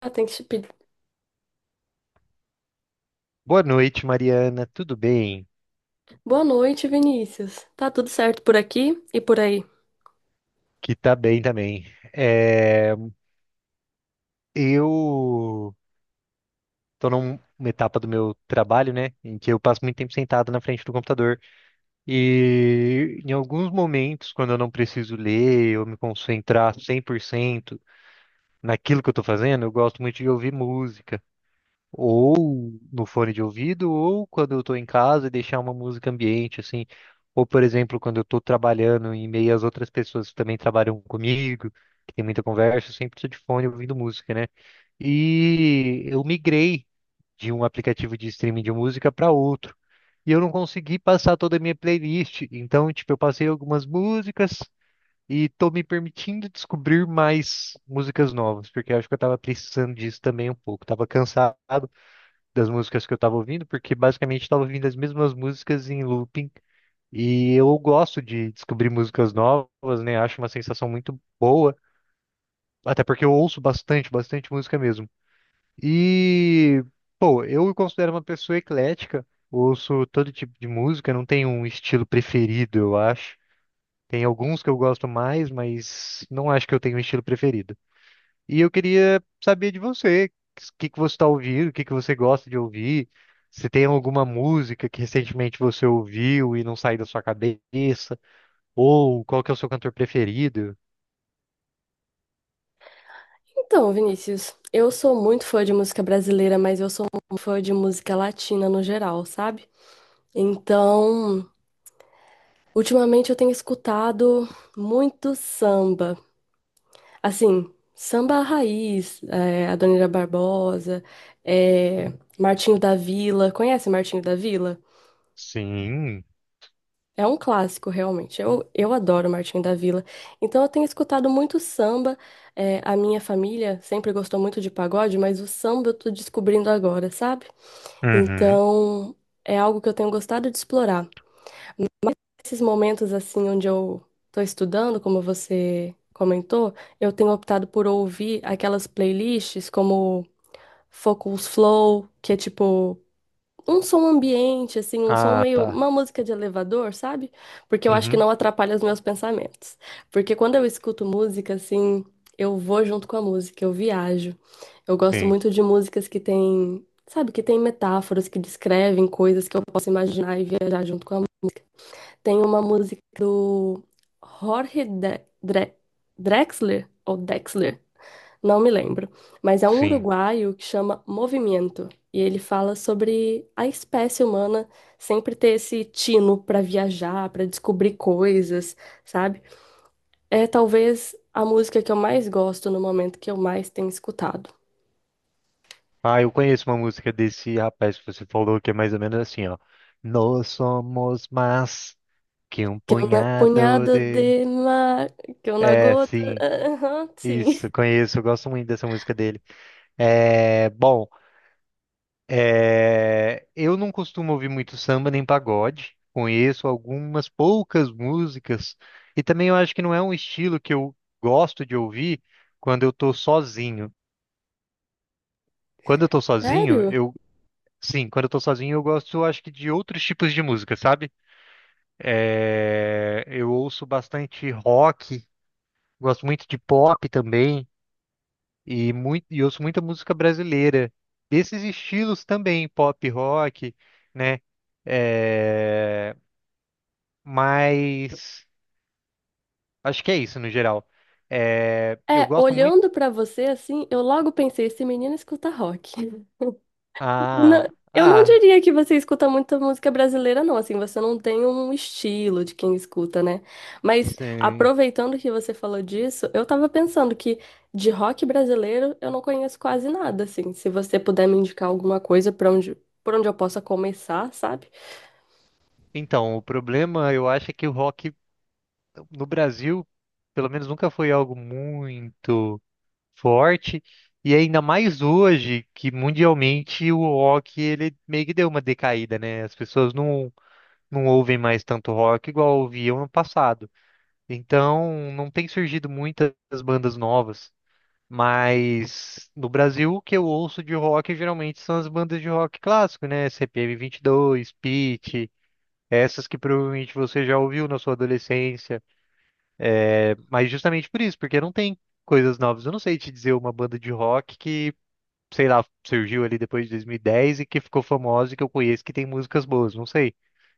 Ah, tem que se pedir. Boa noite, Mariana. Tudo bem? Boa noite, Vinícius. Tá tudo certo por aqui e por aí? Que tá bem também. É, eu tô numa etapa do meu trabalho, né, em que eu passo muito tempo sentado na frente do computador. E em alguns momentos, quando eu não preciso ler ou me concentrar 100% naquilo que eu tô fazendo, eu gosto muito de ouvir música. Ou no fone de ouvido, ou quando eu tô em casa e deixar uma música ambiente, assim. Ou, por exemplo, quando eu tô trabalhando em meio às outras pessoas que também trabalham comigo, que tem muita conversa, eu sempre tô de fone ouvindo música, né? E eu migrei de um aplicativo de streaming de música para outro. E eu não consegui passar toda a minha playlist. Então, tipo, eu passei algumas músicas e tô me permitindo descobrir mais músicas novas, porque eu acho que eu tava precisando disso também um pouco. Tava cansado das músicas que eu estava ouvindo, porque basicamente estava ouvindo as mesmas músicas em looping. E eu gosto de descobrir músicas novas, né? Acho uma sensação muito boa, até porque eu ouço bastante, bastante música mesmo. E, pô, eu me considero uma pessoa eclética, ouço todo tipo de música, não tenho um estilo preferido, eu acho. Tem alguns que eu gosto mais, mas não acho que eu tenho um estilo preferido. E eu queria saber de você, o que que você está ouvindo, o que que você gosta de ouvir, se tem alguma música que recentemente você ouviu e não saiu da sua cabeça, ou qual que é o seu cantor preferido? Então, Vinícius, eu sou muito fã de música brasileira, mas eu sou um fã de música latina no geral, sabe? Então, ultimamente eu tenho escutado muito samba. Assim, samba raiz, Adoniran Barbosa, é, Martinho da Vila. Conhece Martinho da Vila? Sim. É um clássico, realmente. Eu adoro Martinho da Vila. Então, eu tenho escutado muito samba. É, a minha família sempre gostou muito de pagode, mas o samba eu tô descobrindo agora, sabe? Uhum. Então, é algo que eu tenho gostado de explorar. Esses momentos, assim, onde eu tô estudando, como você comentou, eu tenho optado por ouvir aquelas playlists como Focus Flow, que é tipo um som ambiente, assim, um som Ah, meio, tá. uma música de elevador, sabe? Porque eu acho que Uhum. não atrapalha os meus pensamentos. Porque quando eu escuto música, assim, eu vou junto com a música, eu viajo. Eu gosto Sim, muito de músicas que têm, sabe, que têm metáforas, que descrevem coisas que eu posso imaginar e viajar junto com a música. Tem uma música do Jorge Drexler, ou Dexler. Não me lembro, mas é um sim. uruguaio que chama Movimento, e ele fala sobre a espécie humana sempre ter esse tino para viajar, para descobrir coisas, sabe? É talvez a música que eu mais gosto no momento que eu mais tenho escutado. Ah, eu conheço uma música desse rapaz que você falou que é mais ou menos assim, ó. Nós somos mais que um Que eu na punhado punhada de... de mar, que eu na É, gota. sim. Aham, sim. Isso, conheço, eu gosto muito dessa música dele. É, bom, eu não costumo ouvir muito samba nem pagode. Conheço algumas poucas músicas e também eu acho que não é um estilo que eu gosto de ouvir quando eu tô sozinho. Quando eu tô sozinho, Sério? eu sim, quando eu tô sozinho eu gosto, eu acho que de outros tipos de música, sabe? Eu ouço bastante rock, gosto muito de pop também e muito e ouço muita música brasileira. Desses estilos também, pop, rock, né? É, Mas acho que é isso no geral. É, eu É, gosto muito. olhando para você assim, eu logo pensei, esse menino escuta rock. Ah, Eu não ah, diria que você escuta muita música brasileira, não. Assim, você não tem um estilo de quem escuta, né? Mas sim. aproveitando que você falou disso, eu tava pensando que de rock brasileiro eu não conheço quase nada, assim. Se você puder me indicar alguma coisa para onde, por onde eu possa começar, sabe? Então, o problema eu acho é que o rock no Brasil, pelo menos, nunca foi algo muito forte. E ainda mais hoje, que mundialmente o rock ele meio que deu uma decaída, né? As pessoas não ouvem mais tanto rock igual ouviam no passado. Então, não tem surgido muitas bandas novas. Mas no Brasil, o que eu ouço de rock geralmente são as bandas de rock clássico, né? CPM dois, Pitty, essas que provavelmente você já ouviu na sua adolescência. Mas justamente por isso, porque não tem coisas novas. Eu não sei te dizer uma banda de rock que, sei lá, surgiu ali depois de 2010 e dez e que ficou famosa e que eu conheço que tem músicas boas. Não sei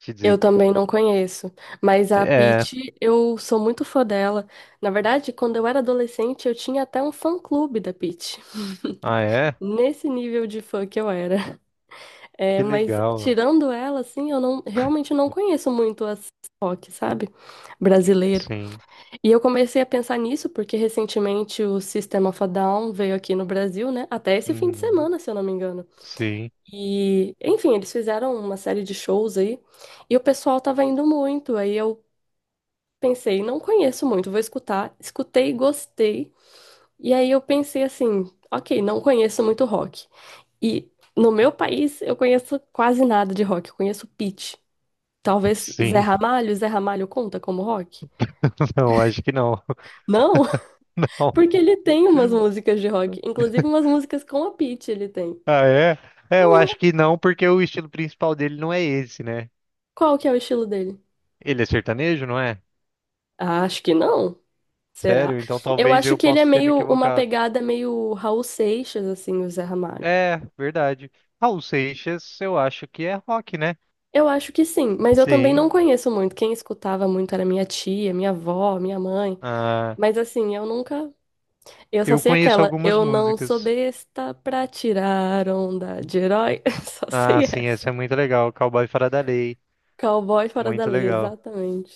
te Eu dizer. também não conheço. Mas a É. Pitty, eu sou muito fã dela. Na verdade, quando eu era adolescente, eu tinha até um fã-clube da Pitty. Ah, é? Nesse nível de fã que eu era. É, Que mas legal. tirando ela, assim, eu não realmente não conheço muito as rock, sabe? Brasileiro. Sim. E eu comecei a pensar nisso porque recentemente o System of a Down veio aqui no Brasil, né? Até esse fim de Uhum. semana, se eu não me engano. Sim. E, enfim, eles fizeram uma série de shows aí e o pessoal tava indo muito. Aí eu pensei, não conheço muito, vou escutar. Escutei, gostei. E aí eu pensei assim, ok, não conheço muito rock. E no meu país, eu conheço quase nada de rock. Eu conheço Pitty. Talvez Zé Sim. Ramalho, Zé Ramalho conta como rock? Não, acho que não. Não, Não. porque ele tem umas músicas de rock, inclusive umas músicas com a Pitty ele tem. Ah, é? É, eu acho Uhum. que não, porque o estilo principal dele não é esse, né? Qual que é o estilo dele? Ele é sertanejo, não é? Ah, acho que não. Será? Sério? Então Eu talvez acho eu que ele é possa ter me meio uma equivocado. pegada meio Raul Seixas, assim, o Zé Ramalho. É, verdade. Raul Seixas, eu acho que é rock, né? Eu acho que sim, mas eu também não Sim. conheço muito. Quem escutava muito era minha tia, minha avó, minha mãe. Ah, Mas assim, eu nunca. Eu só eu sei conheço aquela. algumas Eu não sou músicas. besta pra tirar onda de herói. Só Ah, sei sim, essa. essa é muito legal. Cowboy Fora da Lei. Cowboy fora da Muito lei, legal. exatamente.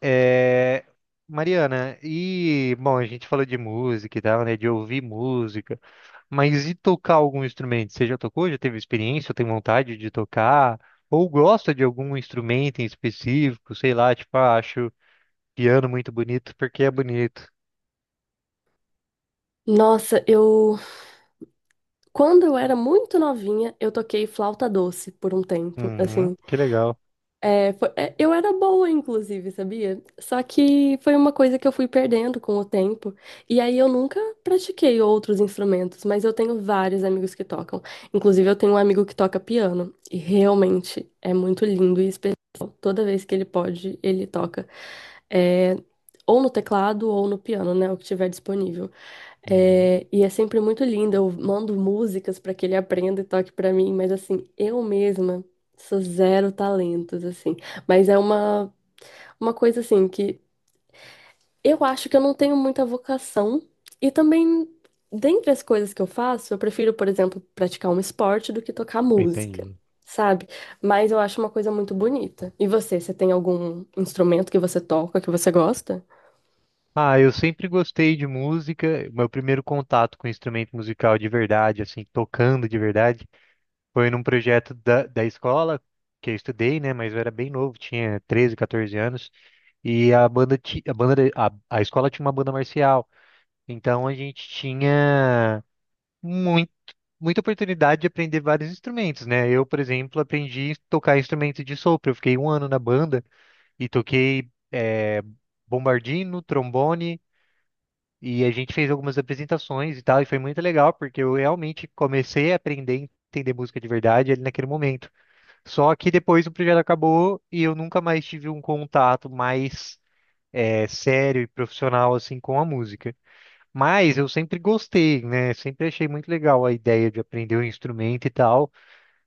É, Mariana, e bom, a gente falou de música e tal, né? De ouvir música, mas e tocar algum instrumento? Você já tocou? Já teve experiência? Ou tem vontade de tocar? Ou gosta de algum instrumento em específico? Sei lá, tipo, ah, acho piano muito bonito porque é bonito. Nossa, eu. Quando eu era muito novinha, eu toquei flauta doce por um tempo. Uhum, Assim, que legal. Eu era boa, inclusive, sabia? Só que foi uma coisa que eu fui perdendo com o tempo. E aí eu nunca pratiquei outros instrumentos, mas eu tenho vários amigos que tocam. Inclusive, eu tenho um amigo que toca piano. E realmente é muito lindo e especial. Toda vez que ele pode, ele toca. É, ou no teclado ou no piano, né? O que tiver disponível. Uhum, É, e é sempre muito lindo. Eu mando músicas para que ele aprenda e toque para mim, mas assim, eu mesma. Sou zero talentos, assim. Mas é uma coisa, assim, que eu acho que eu não tenho muita vocação. E também, dentre as coisas que eu faço, eu prefiro, por exemplo, praticar um esporte do que tocar música, entendi. sabe? Mas eu acho uma coisa muito bonita. E você, você tem algum instrumento que você toca, que você gosta? Ah, eu sempre gostei de música. Meu primeiro contato com instrumento musical de verdade, assim, tocando de verdade. Foi num projeto da escola que eu estudei, né? Mas eu era bem novo, tinha 13, 14 anos. E a banda, a escola tinha uma banda marcial. Então a gente tinha muito, muita oportunidade de aprender vários instrumentos, né? Eu, por exemplo, aprendi a tocar instrumento de sopro. Eu fiquei um ano na banda e toquei bombardino, trombone. E a gente fez algumas apresentações e tal, e foi muito legal, porque eu realmente comecei a aprender a entender música de verdade ali naquele momento. Só que depois o projeto acabou e eu nunca mais tive um contato mais sério e profissional assim com a música. Mas eu sempre gostei, né? Sempre achei muito legal a ideia de aprender um instrumento e tal.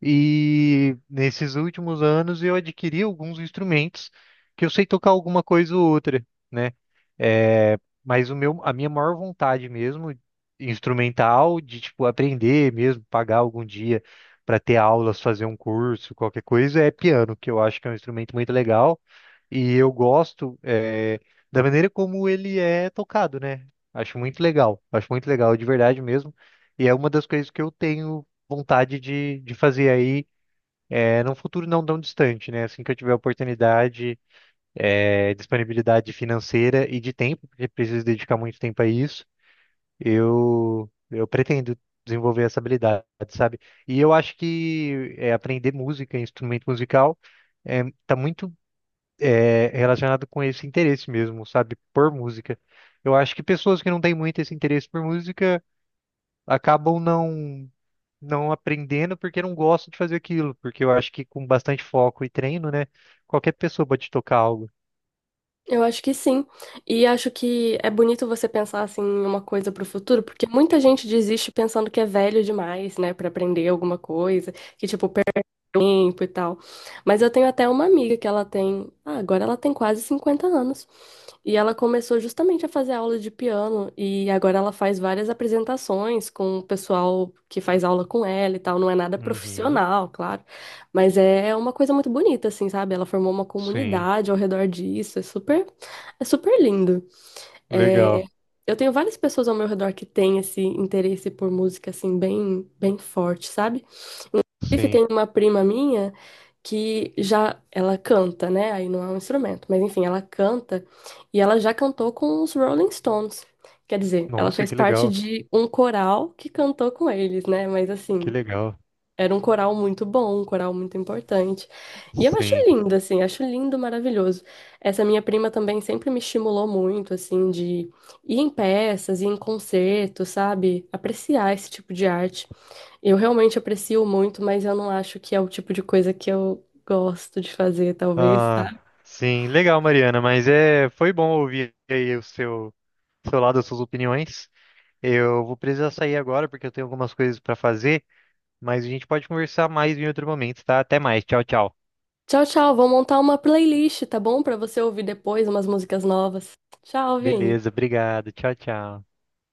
E nesses últimos anos eu adquiri alguns instrumentos que eu sei tocar alguma coisa ou outra, né? É, mas o meu, a minha maior vontade mesmo, instrumental, de tipo aprender mesmo, pagar algum dia para ter aulas, fazer um curso, qualquer coisa, é piano, que eu acho que é um instrumento muito legal e eu gosto da maneira como ele é tocado, né? Acho muito legal de verdade mesmo. E é uma das coisas que eu tenho vontade de fazer aí num futuro não tão distante, né? Assim que eu tiver oportunidade, disponibilidade financeira e de tempo, porque preciso dedicar muito tempo a isso, eu pretendo desenvolver essa habilidade, sabe? E eu acho que aprender música, instrumento musical, tá muito relacionado com esse interesse mesmo, sabe? Por música. Eu acho que pessoas que não têm muito esse interesse por música acabam não aprendendo porque não gosto de fazer aquilo, porque eu acho que com bastante foco e treino, né, qualquer pessoa pode tocar algo. Eu acho que sim. E acho que é bonito você pensar assim em uma coisa pro futuro, porque muita gente desiste pensando que é velho demais, né, pra aprender alguma coisa, que tipo tempo e tal. Mas eu tenho até uma amiga que ela tem, ah, agora ela tem quase 50 anos. E ela começou justamente a fazer aula de piano e agora ela faz várias apresentações com o pessoal que faz aula com ela e tal. Não é nada Uhum. profissional, claro, mas é uma coisa muito bonita, assim, sabe? Ela formou uma Sim, comunidade ao redor disso. É super lindo. É, legal. eu tenho várias pessoas ao meu redor que têm esse interesse por música, assim, bem, bem forte, sabe? Inclusive, Sim. tem uma prima minha que já ela canta, né? Aí não é um instrumento, mas enfim, ela canta e ela já cantou com os Rolling Stones. Quer dizer, ela Nossa, fez que parte legal. de um coral que cantou com eles, né? Mas Que assim, legal. era um coral muito bom, um coral muito importante. E eu acho Sim. lindo, assim, acho lindo, maravilhoso. Essa minha prima também sempre me estimulou muito, assim, de ir em peças, ir em concertos, sabe? Apreciar esse tipo de arte. Eu realmente aprecio muito, mas eu não acho que é o tipo de coisa que eu gosto de fazer, talvez, tá? Ah, sim, legal, Mariana, mas é, foi bom ouvir aí o seu lado, as suas opiniões. Eu vou precisar sair agora porque eu tenho algumas coisas para fazer, mas a gente pode conversar mais em outro momento, tá? Até mais. Tchau, tchau. Tchau, tchau. Vou montar uma playlist, tá bom? Pra você ouvir depois umas músicas novas. Tchau, Vini. Beleza, obrigado. Tchau, tchau.